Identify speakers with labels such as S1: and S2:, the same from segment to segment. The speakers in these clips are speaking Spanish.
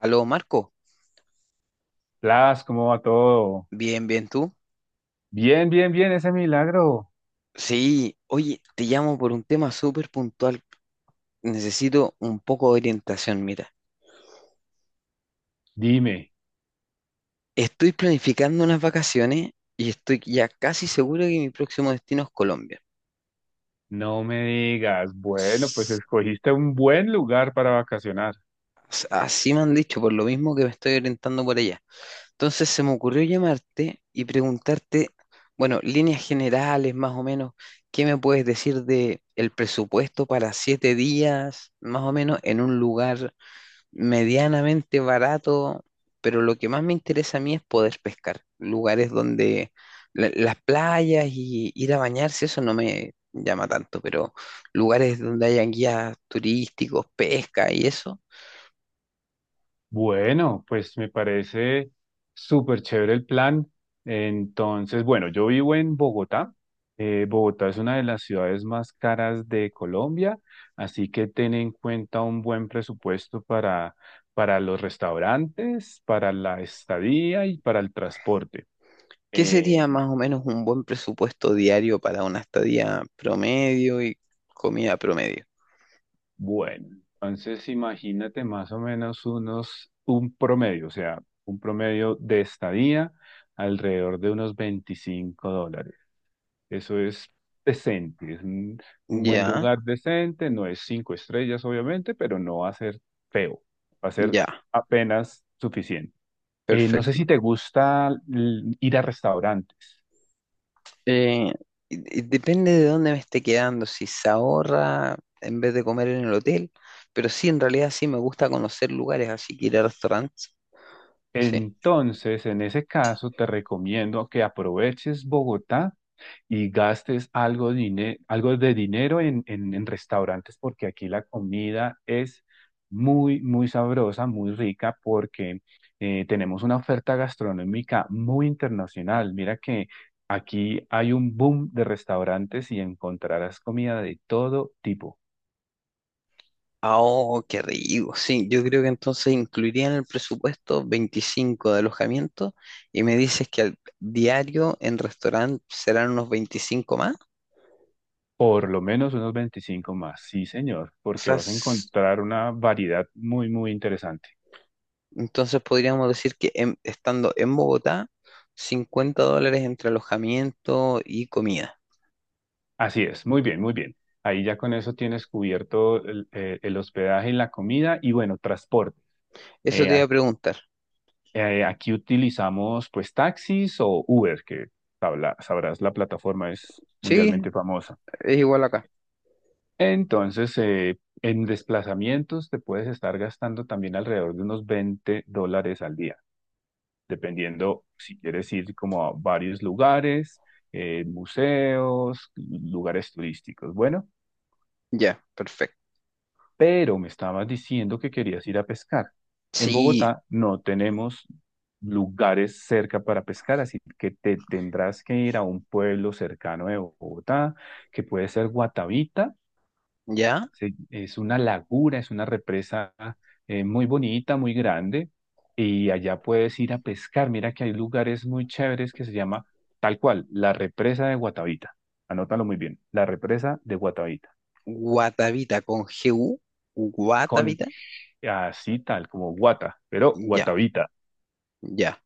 S1: Aló, Marco.
S2: Blas, ¿cómo va todo?
S1: Bien, bien, ¿tú?
S2: Bien, bien, bien, ese milagro.
S1: Sí, oye, te llamo por un tema súper puntual. Necesito un poco de orientación, mira.
S2: Dime,
S1: Estoy planificando unas vacaciones y estoy ya casi seguro que mi próximo destino es Colombia.
S2: no me digas, bueno, pues
S1: S-
S2: escogiste un buen lugar para vacacionar.
S1: Así me han dicho, por lo mismo que me estoy orientando por allá. Entonces se me ocurrió llamarte y preguntarte, bueno, líneas generales más o menos, ¿qué me puedes decir de el presupuesto para 7 días, más o menos, en un lugar medianamente barato? Pero lo que más me interesa a mí es poder pescar. Lugares donde las playas y ir a bañarse, eso no me llama tanto, pero lugares donde hayan guías turísticos, pesca y eso.
S2: Bueno, pues me parece súper chévere el plan. Entonces, bueno, yo vivo en Bogotá. Bogotá es una de las ciudades más caras de Colombia, así que ten en cuenta un buen presupuesto para los restaurantes, para la estadía y para el transporte.
S1: ¿Qué sería
S2: Eh,
S1: más o menos un buen presupuesto diario para una estadía promedio y comida promedio?
S2: Bueno, entonces imagínate más o menos un promedio, o sea, un promedio de estadía alrededor de unos $25. Eso es decente, es un buen
S1: Ya,
S2: lugar decente, no es cinco estrellas obviamente, pero no va a ser feo, va a ser
S1: ya,
S2: apenas suficiente. No sé si
S1: perfecto.
S2: te gusta ir a restaurantes.
S1: Eh, y depende de dónde me esté quedando, si se ahorra en vez de comer en el hotel, pero sí, en realidad sí me gusta conocer lugares, así que ir a restaurantes, sí.
S2: Entonces, en ese caso, te recomiendo que aproveches Bogotá y gastes algo, algo de dinero en restaurantes, porque aquí la comida es muy, muy sabrosa, muy rica, porque tenemos una oferta gastronómica muy internacional. Mira que aquí hay un boom de restaurantes y encontrarás comida de todo tipo.
S1: Ah, oh, qué rico, sí, yo creo que entonces incluiría en el presupuesto 25 de alojamiento y me dices que al diario en restaurante serán unos 25 más,
S2: Por lo menos unos 25 más, sí, señor,
S1: o
S2: porque
S1: sea,
S2: vas a encontrar una variedad muy, muy interesante.
S1: entonces podríamos decir que estando en Bogotá, $50 entre alojamiento y comida.
S2: Así es, muy bien, muy bien. Ahí ya con eso tienes cubierto el hospedaje y la comida y bueno, transporte.
S1: Eso
S2: Eh,
S1: te iba a
S2: ac-
S1: preguntar.
S2: aquí, utilizamos pues taxis o Uber, que sabrás, la plataforma es
S1: Sí,
S2: mundialmente famosa.
S1: es igual acá.
S2: Entonces, en desplazamientos te puedes estar gastando también alrededor de unos $20 al día, dependiendo si quieres ir como a varios lugares, museos, lugares turísticos. Bueno.
S1: Ya, perfecto.
S2: Pero me estabas diciendo que querías ir a pescar. En
S1: Sí,
S2: Bogotá no tenemos lugares cerca para pescar, así que te tendrás que ir a un pueblo cercano de Bogotá, que puede ser Guatavita.
S1: ya.
S2: Es una laguna, es una represa muy bonita, muy grande, y allá puedes ir a pescar. Mira que hay lugares muy chéveres que se llama tal cual, la represa de Guatavita. Anótalo muy bien, la represa de Guatavita.
S1: Guatavita con GU.
S2: Con
S1: Guatavita.
S2: así tal, como Guata, pero
S1: Ya,
S2: Guatavita.
S1: ya.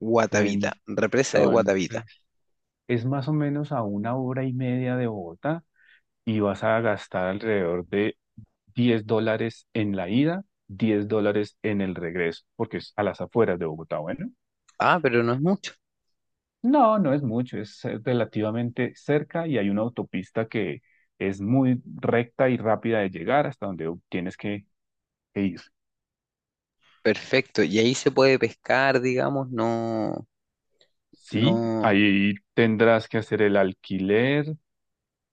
S1: Guatavita. Represa de
S2: Entonces,
S1: Guatavita.
S2: es más o menos a una hora y media de Bogotá y vas a gastar alrededor de $10 en la ida, $10 en el regreso, porque es a las afueras de Bogotá, bueno.
S1: Ah, pero no es mucho.
S2: No, no es mucho, es relativamente cerca y hay una autopista que es muy recta y rápida de llegar hasta donde tienes que ir.
S1: Perfecto. Y ahí se puede pescar, digamos, no,
S2: Sí,
S1: no,
S2: ahí tendrás que hacer el alquiler,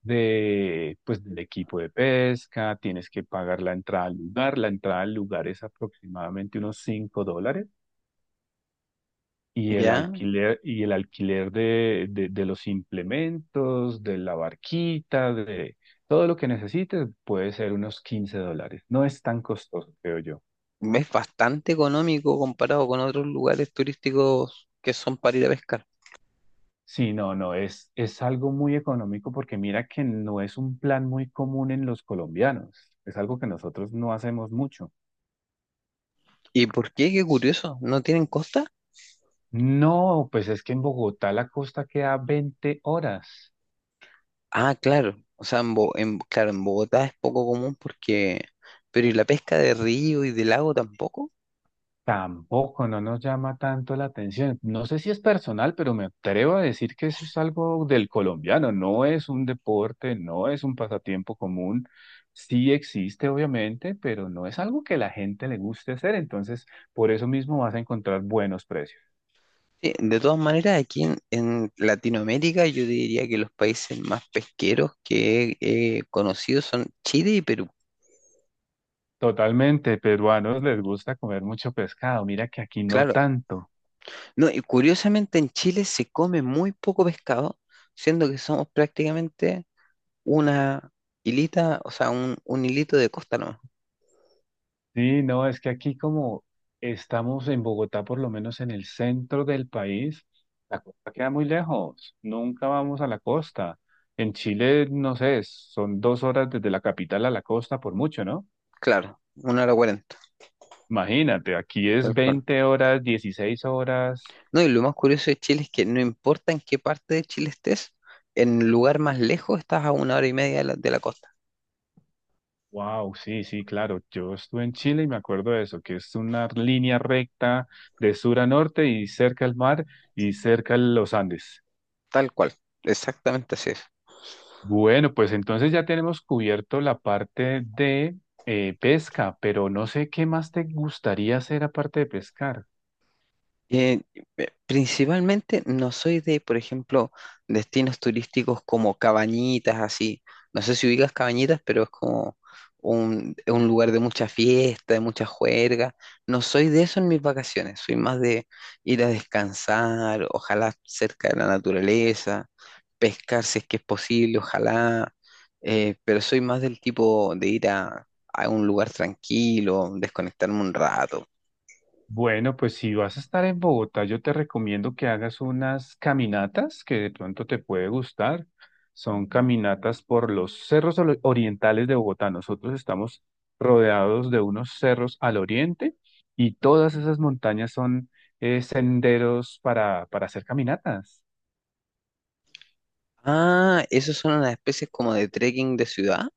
S2: pues, del equipo de pesca, tienes que pagar la entrada al lugar. La entrada al lugar es aproximadamente unos $5 y el
S1: ya.
S2: alquiler, y el alquiler de los implementos, de la barquita, de todo lo que necesites puede ser unos $15. No es tan costoso, creo yo.
S1: Es bastante económico comparado con otros lugares turísticos que son para ir a pescar.
S2: Sí, no, no, es algo muy económico porque mira que no es un plan muy común en los colombianos. Es algo que nosotros no hacemos mucho.
S1: ¿Y por qué? Qué curioso. ¿No tienen costa?
S2: No, pues es que en Bogotá la costa queda 20 horas.
S1: Ah, claro. O sea, claro, en Bogotá es poco común porque... Pero ¿y la pesca de río y de lago tampoco?
S2: Tampoco, no nos llama tanto la atención. No sé si es personal, pero me atrevo a decir que eso es algo del colombiano. No es un deporte, no es un pasatiempo común. Sí existe, obviamente, pero no es algo que la gente le guste hacer. Entonces, por eso mismo vas a encontrar buenos precios.
S1: Sí, de todas maneras, aquí en Latinoamérica yo diría que los países más pesqueros que he conocido son Chile y Perú.
S2: Totalmente, peruanos les gusta comer mucho pescado. Mira que aquí no
S1: Claro.
S2: tanto.
S1: No, y curiosamente en Chile se come muy poco pescado, siendo que somos prácticamente una hilita, o sea, un hilito de costa nomás.
S2: Sí, no, es que aquí como estamos en Bogotá, por lo menos en el centro del país, la costa queda muy lejos, nunca vamos a la costa. En Chile, no sé, son 2 horas desde la capital a la costa por mucho, ¿no?
S1: Claro, una hora cuarenta,
S2: Imagínate, aquí es
S1: tal cual.
S2: 20 horas, 16 horas.
S1: No, y lo más curioso de Chile es que no importa en qué parte de Chile estés, en el lugar más lejos estás a una hora y media de la costa.
S2: Wow, sí, sí, claro. Yo estuve en Chile y me acuerdo de eso, que es una línea recta de sur a norte y cerca al mar y cerca a los Andes.
S1: Tal cual, exactamente así es.
S2: Bueno, pues entonces ya tenemos cubierto la parte de pesca, pero no sé qué más te gustaría hacer aparte de pescar.
S1: Eh, principalmente no soy de, por ejemplo, destinos turísticos como Cabañitas, así. No sé si ubicas Cabañitas, pero es como un lugar de mucha fiesta, de mucha juerga. No soy de eso en mis vacaciones, soy más de ir a descansar, ojalá cerca de la naturaleza, pescar si es que es posible, ojalá. Pero soy más del tipo de ir a un lugar tranquilo, desconectarme un rato.
S2: Bueno, pues si vas a estar en Bogotá, yo te recomiendo que hagas unas caminatas que de pronto te puede gustar. Son caminatas por los cerros orientales de Bogotá. Nosotros estamos rodeados de unos cerros al oriente y todas esas montañas son senderos para hacer caminatas.
S1: Ah, ¿esos son unas especies como de trekking de ciudad?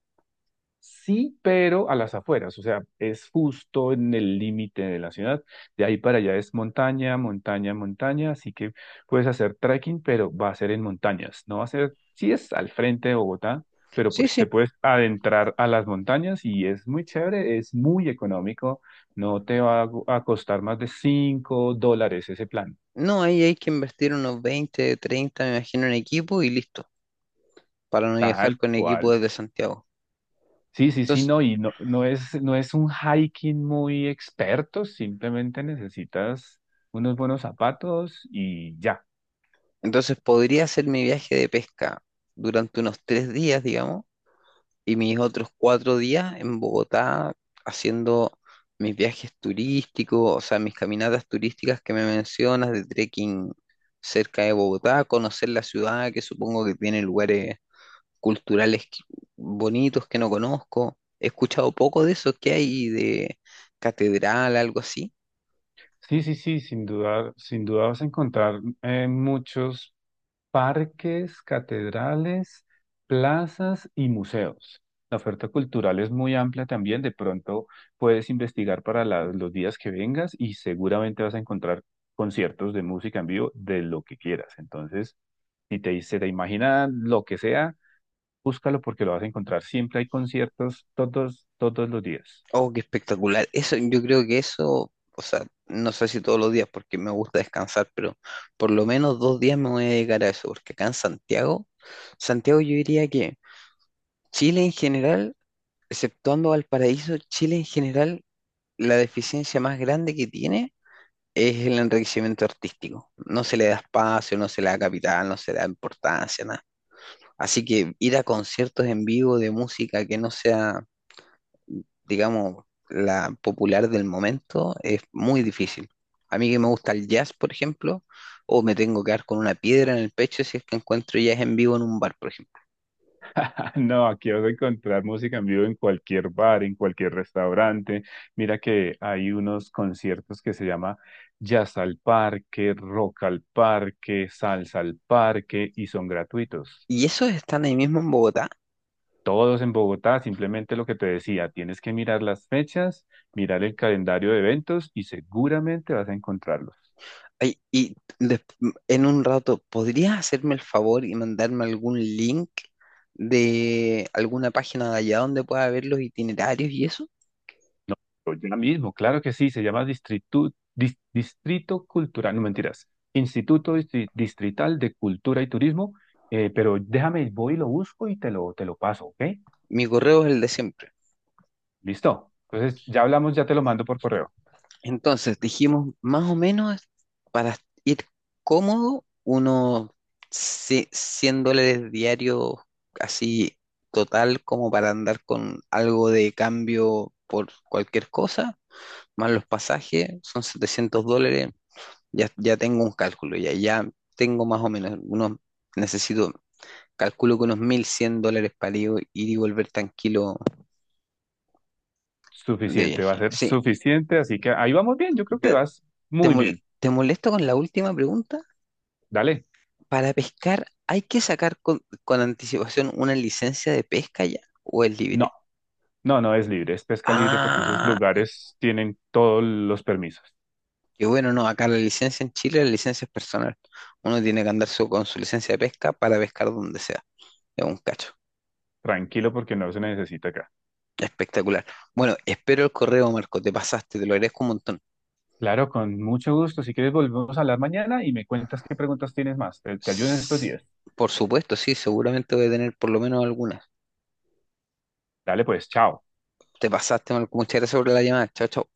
S2: Sí, pero a las afueras, o sea, es justo en el límite de la ciudad. De ahí para allá es montaña, montaña, montaña, así que puedes hacer trekking, pero va a ser en montañas. No va a ser, sí es al frente de Bogotá, pero
S1: Sí,
S2: pues te
S1: sí.
S2: puedes adentrar a las montañas y es muy chévere, es muy económico, no te va a costar más de $5 ese plan,
S1: No, ahí hay que invertir unos 20, 30, me imagino, en equipo y listo, para no viajar
S2: tal
S1: con equipo
S2: cual.
S1: desde Santiago.
S2: Sí, sí, sí,
S1: Entonces,
S2: no, y no, no es un hiking muy experto, simplemente necesitas unos buenos zapatos y ya.
S1: entonces podría hacer mi viaje de pesca durante unos 3 días, digamos, y mis otros 4 días en Bogotá haciendo mis viajes turísticos, o sea, mis caminatas turísticas que me mencionas de trekking cerca de Bogotá, conocer la ciudad, que supongo que tiene lugares culturales bonitos que no conozco. He escuchado poco de eso que hay de catedral, algo así.
S2: Sí, sí, sí, sin duda, sin duda vas a encontrar muchos parques, catedrales, plazas y museos. La oferta cultural es muy amplia también, de pronto puedes investigar para los días que vengas y seguramente vas a encontrar conciertos de música en vivo de lo que quieras. Entonces, si te, se te imagina lo que sea, búscalo porque lo vas a encontrar. Siempre hay conciertos todos los días.
S1: Oh, qué espectacular. Eso, yo creo que eso, o sea, no sé si todos los días porque me gusta descansar, pero por lo menos 2 días me voy a dedicar a eso, porque acá en Santiago, Santiago yo diría que Chile en general, exceptuando Valparaíso, Chile en general, la deficiencia más grande que tiene es el enriquecimiento artístico. No se le da espacio, no se le da capital, no se le da importancia, nada. Así que ir a conciertos en vivo de música que no sea, digamos, la popular del momento es muy difícil. A mí que me gusta el jazz, por ejemplo, o me tengo que dar con una piedra en el pecho si es que encuentro jazz en vivo en un bar, por ejemplo.
S2: No, aquí vas a encontrar música en vivo en cualquier bar, en cualquier restaurante. Mira que hay unos conciertos que se llama Jazz al Parque, Rock al Parque, Salsa al Parque y son gratuitos.
S1: Y esos están ahí mismo en Bogotá.
S2: Todos en Bogotá, simplemente lo que te decía, tienes que mirar las fechas, mirar el calendario de eventos y seguramente vas a encontrarlos.
S1: Ay, en un rato, ¿podrías hacerme el favor y mandarme algún link de alguna página de allá donde pueda ver los itinerarios y eso?
S2: Ya mismo, claro que sí, se llama Distrito Cultural, no mentiras, Instituto Distrital de Cultura y Turismo, pero déjame, voy y lo busco y te lo paso, ¿ok?
S1: Mi correo es el de siempre.
S2: Listo. Entonces, ya hablamos, ya te lo mando por correo.
S1: Entonces, dijimos más o menos para ir cómodo, unos $100 diarios, así total, como para andar con algo de cambio por cualquier cosa, más los pasajes, son $700. Ya, ya tengo un cálculo, ya, ya tengo más o menos, unos, necesito, calculo que unos $1,100 para ir y volver tranquilo de
S2: Suficiente, va a
S1: viaje.
S2: ser
S1: Sí,
S2: suficiente, así que ahí vamos bien, yo creo que
S1: ¿te,
S2: vas
S1: te
S2: muy
S1: mol-
S2: bien.
S1: te molesto con la última pregunta?
S2: Dale.
S1: Para pescar, ¿hay que sacar con anticipación una licencia de pesca ya o es
S2: No,
S1: libre?
S2: no, no es libre, es pesca libre porque esos
S1: Ah,
S2: lugares tienen todos los permisos.
S1: qué bueno, no, acá la licencia en Chile, la licencia es personal. Uno tiene que andar con su licencia de pesca para pescar donde sea. Es un cacho.
S2: Tranquilo porque no se necesita acá.
S1: Espectacular. Bueno, espero el correo, Marco, te pasaste, te lo agradezco un montón.
S2: Claro, con mucho gusto. Si quieres, volvemos a hablar mañana y me cuentas qué preguntas tienes más. Te ayudo en estos
S1: S-
S2: días.
S1: Por supuesto, sí, seguramente voy a tener por lo menos algunas.
S2: Dale pues, chao.
S1: Te pasaste, Marco, muchas gracias por la llamada. Chao, chao.